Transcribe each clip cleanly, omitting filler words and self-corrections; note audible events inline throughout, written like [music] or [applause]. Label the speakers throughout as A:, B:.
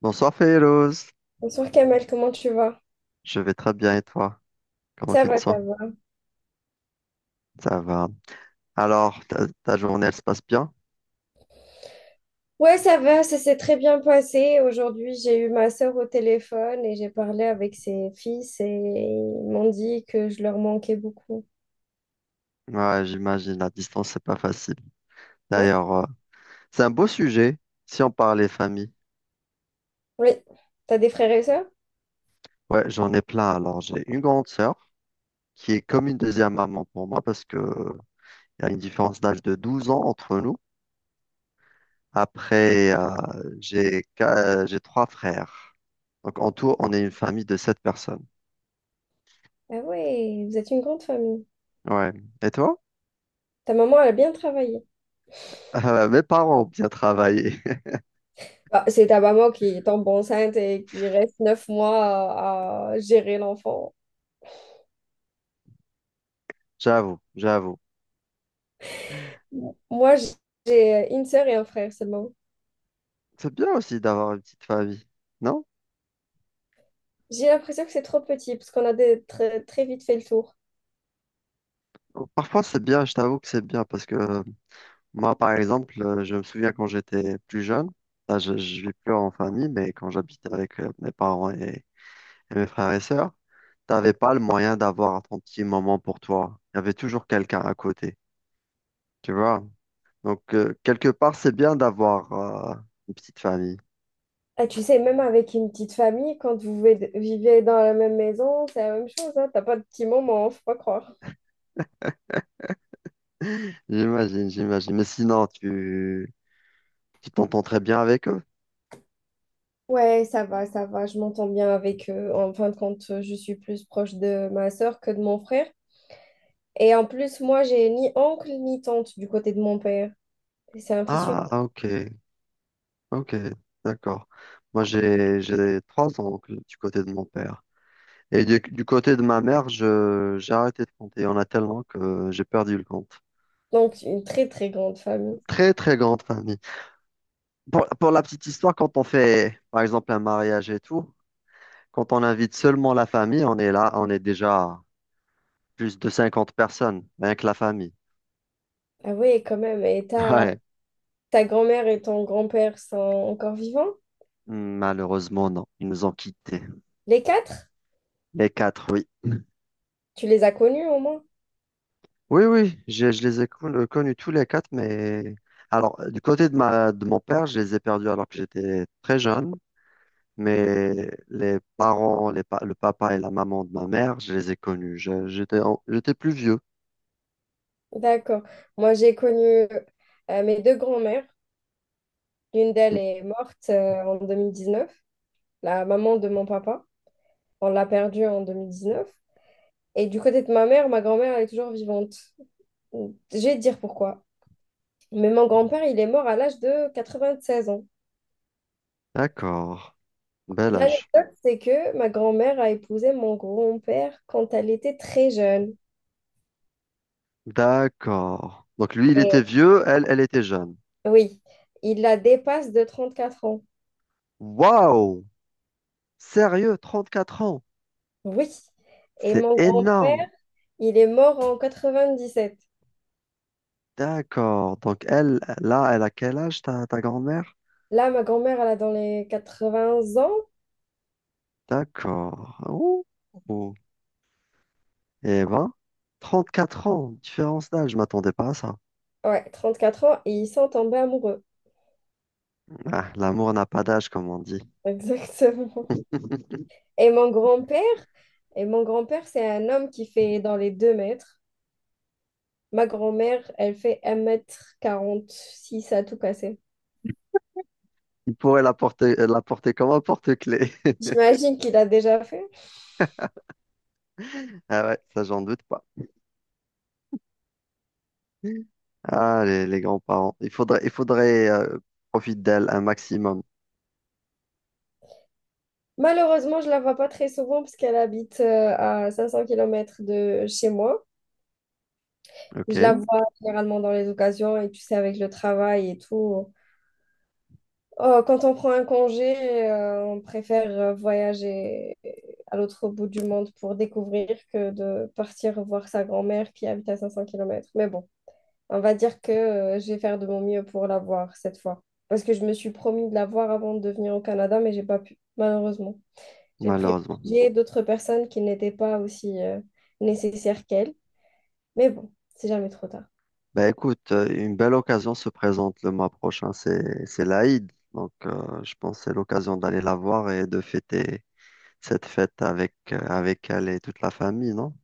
A: Bonsoir Féloz,
B: Bonsoir Kamel, comment tu vas?
A: je vais très bien et toi? Comment
B: Ça
A: tu te
B: va,
A: sens?
B: ça va.
A: Ça va. Alors, ta journée, elle se passe bien?
B: Ouais, ça va, ça s'est très bien passé. Aujourd'hui, j'ai eu ma sœur au téléphone et j'ai parlé avec ses fils et ils m'ont dit que je leur manquais beaucoup.
A: Ouais, j'imagine, la distance, c'est pas facile.
B: Ouais,
A: D'ailleurs, c'est un beau sujet si on parlait famille.
B: oui. T'as des frères et sœurs?
A: Ouais, j'en ai plein. Alors, j'ai une grande sœur qui est comme une deuxième maman pour moi parce que il y a une différence d'âge de 12 ans entre nous. Après, j'ai trois frères. Donc, en tout, on est une famille de sept personnes.
B: Ah ouais, vous êtes une grande famille.
A: Ouais. Et toi?
B: Ta maman, elle a bien travaillé.
A: [laughs] Mes parents ont bien travaillé.
B: Bah, c'est ta maman qui tombe enceinte et qui reste 9 mois à gérer l'enfant.
A: J'avoue, j'avoue.
B: Moi, j'ai une sœur et un frère seulement.
A: C'est bien aussi d'avoir une petite famille, non?
B: J'ai l'impression que c'est trop petit parce qu'on a très, très vite fait le tour.
A: Parfois c'est bien, je t'avoue que c'est bien parce que moi par exemple, je me souviens quand j'étais plus jeune, là je vis plus en famille, mais quand j'habitais avec mes parents et mes frères et sœurs, t'avais pas le moyen d'avoir ton petit moment pour toi. Il y avait toujours quelqu'un à côté, tu vois? Donc quelque part c'est bien d'avoir une petite famille.
B: Ah, tu sais, même avec une petite famille, quand vous vivez dans la même maison, c'est la même chose, hein. T'as pas de petits moments, faut pas croire.
A: [laughs] J'imagine, j'imagine. Mais sinon, tu t'entends très bien avec eux.
B: Ouais, ça va, je m'entends bien avec eux. En fin de compte, je suis plus proche de ma sœur que de mon frère. Et en plus, moi, j'ai ni oncle ni tante du côté de mon père. C'est un fils unique.
A: Ah, ah, ok, ok, d'accord. Moi, j'ai trois oncles du côté de mon père. Et du côté de ma mère, j'ai arrêté de compter. Il y en a tellement que j'ai perdu le compte.
B: Donc, une très, très grande famille.
A: Très, très grande famille. Pour la petite histoire, quand on fait, par exemple, un mariage et tout, quand on invite seulement la famille, on est là, on est déjà plus de 50 personnes, rien que la famille.
B: Ah oui, quand même. Et
A: [laughs]
B: ta,
A: Ouais.
B: ta grand-mère et ton grand-père sont encore vivants?
A: Malheureusement, non. Ils nous ont quittés.
B: Les quatre?
A: Les quatre, oui.
B: Tu les as connus au moins?
A: Oui, oui, je les ai con- connus tous les quatre, mais alors du côté de ma de mon père, je les ai perdus alors que j'étais très jeune, mais les parents, le papa et la maman de ma mère, je les ai connus. J'étais plus vieux.
B: D'accord. Moi, j'ai connu mes deux grands-mères. L'une d'elles
A: Mmh.
B: est morte en 2019, la maman de mon papa. On l'a perdue en 2019. Et du côté de ma mère, ma grand-mère, elle est toujours vivante. J'ai à dire pourquoi. Mais mon grand-père, il est mort à l'âge de 96 ans.
A: D'accord, bel âge.
B: L'anecdote, c'est que ma grand-mère a épousé mon grand-père quand elle était très jeune.
A: D'accord. Donc lui, il était
B: Et
A: vieux, elle, elle était jeune.
B: oui, il la dépasse de 34 ans.
A: Waouh! Sérieux, 34 ans.
B: Oui. Et
A: C'est
B: mon
A: énorme.
B: grand-père, il est mort en 97.
A: D'accord. Donc elle, là, elle a quel âge, ta grand-mère?
B: Là, ma grand-mère, elle a dans les 80 ans.
A: D'accord. Oh. Eh ben, 34 ans, différence d'âge, je m'attendais pas à ça.
B: Ouais, 34 ans et ils sont tombés amoureux.
A: Ah, l'amour n'a pas d'âge, comme on dit.
B: [laughs] Exactement. Et mon grand-père, et mon grand-père, c'est un homme qui fait dans les 2 mètres. Ma grand-mère, elle fait un mètre quarante six à tout casser.
A: Il pourrait la porter comme un porte-clés. [laughs]
B: J'imagine qu'il a déjà fait.
A: Ah ouais, ça, j'en doute pas. Ah, les grands-parents. Il faudrait profiter d'elle un maximum.
B: Malheureusement, je la vois pas très souvent parce qu'elle habite à 500 km de chez moi. Je la
A: OK,
B: vois généralement dans les occasions et tu sais, avec le travail et tout, oh, quand on prend un congé, on préfère voyager à l'autre bout du monde pour découvrir que de partir voir sa grand-mère qui habite à 500 km. Mais bon, on va dire que je vais faire de mon mieux pour la voir cette fois. Parce que je me suis promis de la voir avant de venir au Canada, mais j'ai pas pu, malheureusement. J'ai
A: malheureusement.
B: privilégié d'autres personnes qui n'étaient pas aussi nécessaires qu'elle. Mais bon, c'est jamais trop tard.
A: Bah écoute, une belle occasion se présente le mois prochain, c'est l'Aïd. Donc je pense que c'est l'occasion d'aller la voir et de fêter cette fête avec, avec elle et toute la famille, non?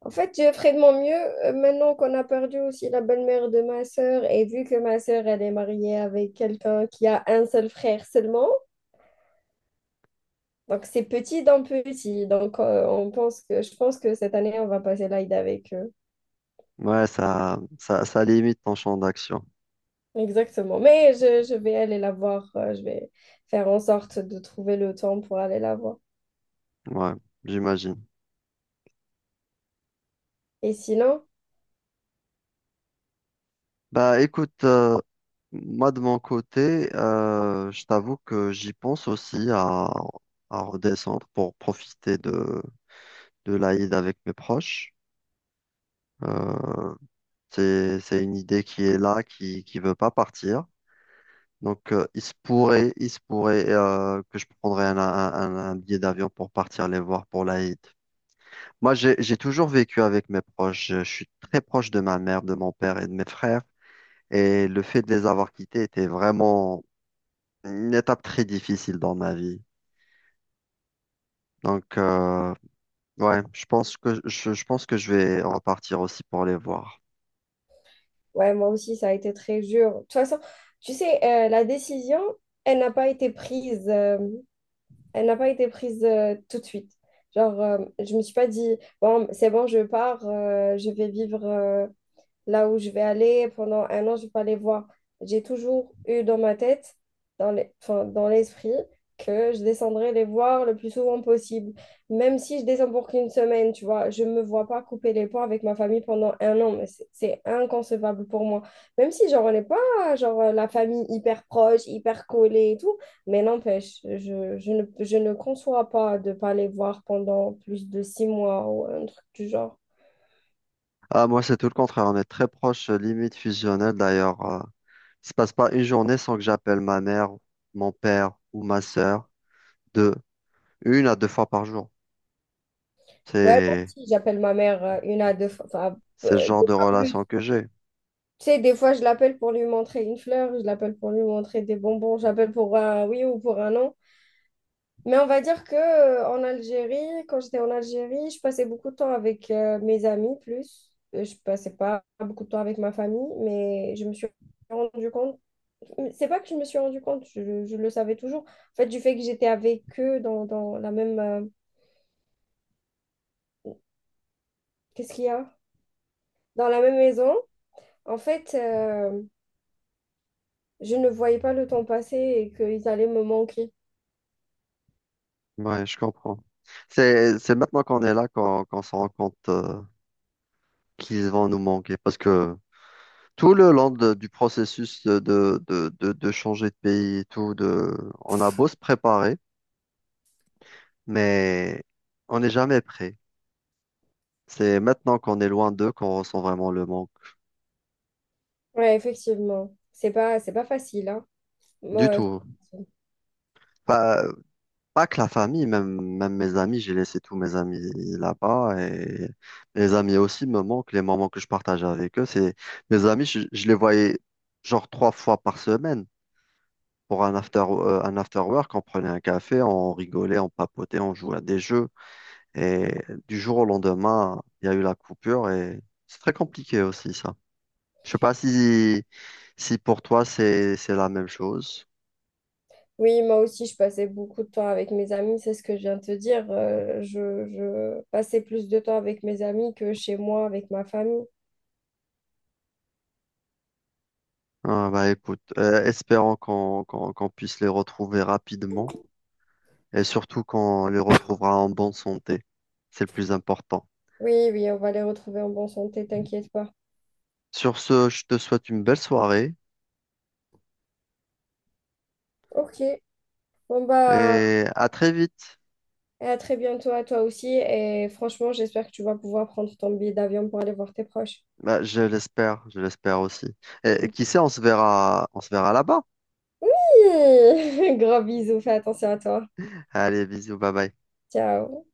B: En fait, je ferai de mon mieux maintenant qu'on a perdu aussi la belle-mère de ma sœur et vu que ma sœur, elle est mariée avec quelqu'un qui a un seul frère seulement. Donc, c'est petit d'un petit. Donc, je pense que cette année, on va passer l'Aïd avec eux.
A: Ouais, ça limite ton champ d'action.
B: Exactement. Mais je vais aller la voir. Je vais faire en sorte de trouver le temps pour aller la voir.
A: Ouais, j'imagine.
B: Et sinon,
A: Bah écoute, moi de mon côté, je t'avoue que j'y pense aussi à redescendre pour profiter de l'Aïd avec mes proches. Euh, c'est une idée qui est là, qui veut pas partir. Donc il se pourrait que je prendrais un billet d'avion pour partir les voir pour l'Aïd. Moi, j'ai toujours vécu avec mes proches. Je suis très proche de ma mère, de mon père et de mes frères. Et le fait de les avoir quittés était vraiment une étape très difficile dans ma vie. Donc, ouais, je pense que je vais repartir aussi pour les voir.
B: ouais, moi aussi, ça a été très dur. De toute façon, tu sais, la décision, elle n'a pas été prise. Elle n'a pas été prise tout de suite. Genre, je me suis pas dit, bon, c'est bon, je pars, je vais vivre là où je vais aller. Pendant un an, je vais pas les voir. J'ai toujours eu dans ma tête, enfin, dans l'esprit, que je descendrai les voir le plus souvent possible. Même si je descends pour qu'une semaine, tu vois, je me vois pas couper les ponts avec ma famille pendant un an, mais c'est inconcevable pour moi. Même si, genre, on n'est pas, genre, la famille hyper proche, hyper collée et tout, mais n'empêche, je ne conçois pas de pas les voir pendant plus de 6 mois ou un truc du genre.
A: Ah, moi, c'est tout le contraire. On est très proche, limite fusionnel. D'ailleurs, il se passe pas une journée sans que j'appelle ma mère, mon père ou ma sœur de une à deux fois par jour.
B: Ouais, moi
A: C'est,
B: aussi, j'appelle ma mère 1 à 2 fois, enfin,
A: c'est le genre
B: deux
A: de
B: fois plus.
A: relation que j'ai.
B: Tu sais, des fois, je l'appelle pour lui montrer une fleur, je l'appelle pour lui montrer des bonbons, j'appelle pour un oui ou pour un non. Mais on va dire que en Algérie, quand j'étais en Algérie, je passais beaucoup de temps avec mes amis plus. Je passais pas beaucoup de temps avec ma famille, mais je me suis rendu compte. C'est pas que je me suis rendu compte, je le savais toujours. En fait, du fait que j'étais avec eux dans la même. Qu'est-ce qu'il y a? Dans la même maison. En fait. Je ne voyais pas le temps passer et qu'ils allaient me manquer.
A: Ouais, je comprends. C'est maintenant qu'on est là qu'on se rend compte qu'ils vont nous manquer. Parce que tout le long du processus de changer de pays et tout, on a beau se préparer, mais on n'est jamais prêt. C'est maintenant qu'on est loin d'eux qu'on ressent vraiment le manque.
B: Ouais, effectivement. C'est pas facile, hein. Moi,
A: Du tout. Pas que la famille, même, même mes amis, j'ai laissé tous mes amis là-bas et mes amis aussi me manquent, les moments que je partage avec eux, c'est mes amis, je les voyais genre trois fois par semaine pour un after work, on prenait un café, on rigolait, on papotait, on jouait à des jeux et du jour au lendemain, il y a eu la coupure et c'est très compliqué aussi ça. Je sais pas si, pour toi c'est la même chose.
B: oui, moi aussi, je passais beaucoup de temps avec mes amis, c'est ce que je viens de te dire. Je passais plus de temps avec mes amis que chez moi, avec ma famille.
A: Ah, bah écoute, espérons qu'on puisse les retrouver rapidement. Et surtout qu'on les retrouvera en bonne santé. C'est le plus important.
B: Oui, oui, on va les retrouver en bonne santé, t'inquiète pas.
A: Sur ce, je te souhaite une belle soirée
B: Ok. Bon bah,
A: et à très vite.
B: et à très bientôt à toi aussi. Et franchement, j'espère que tu vas pouvoir prendre ton billet d'avion pour aller voir tes proches.
A: Bah, je l'espère aussi. Et, qui
B: [laughs]
A: sait, on se verra là-bas.
B: Gros bisous, fais attention à toi.
A: Allez, bisous, bye bye.
B: Ciao.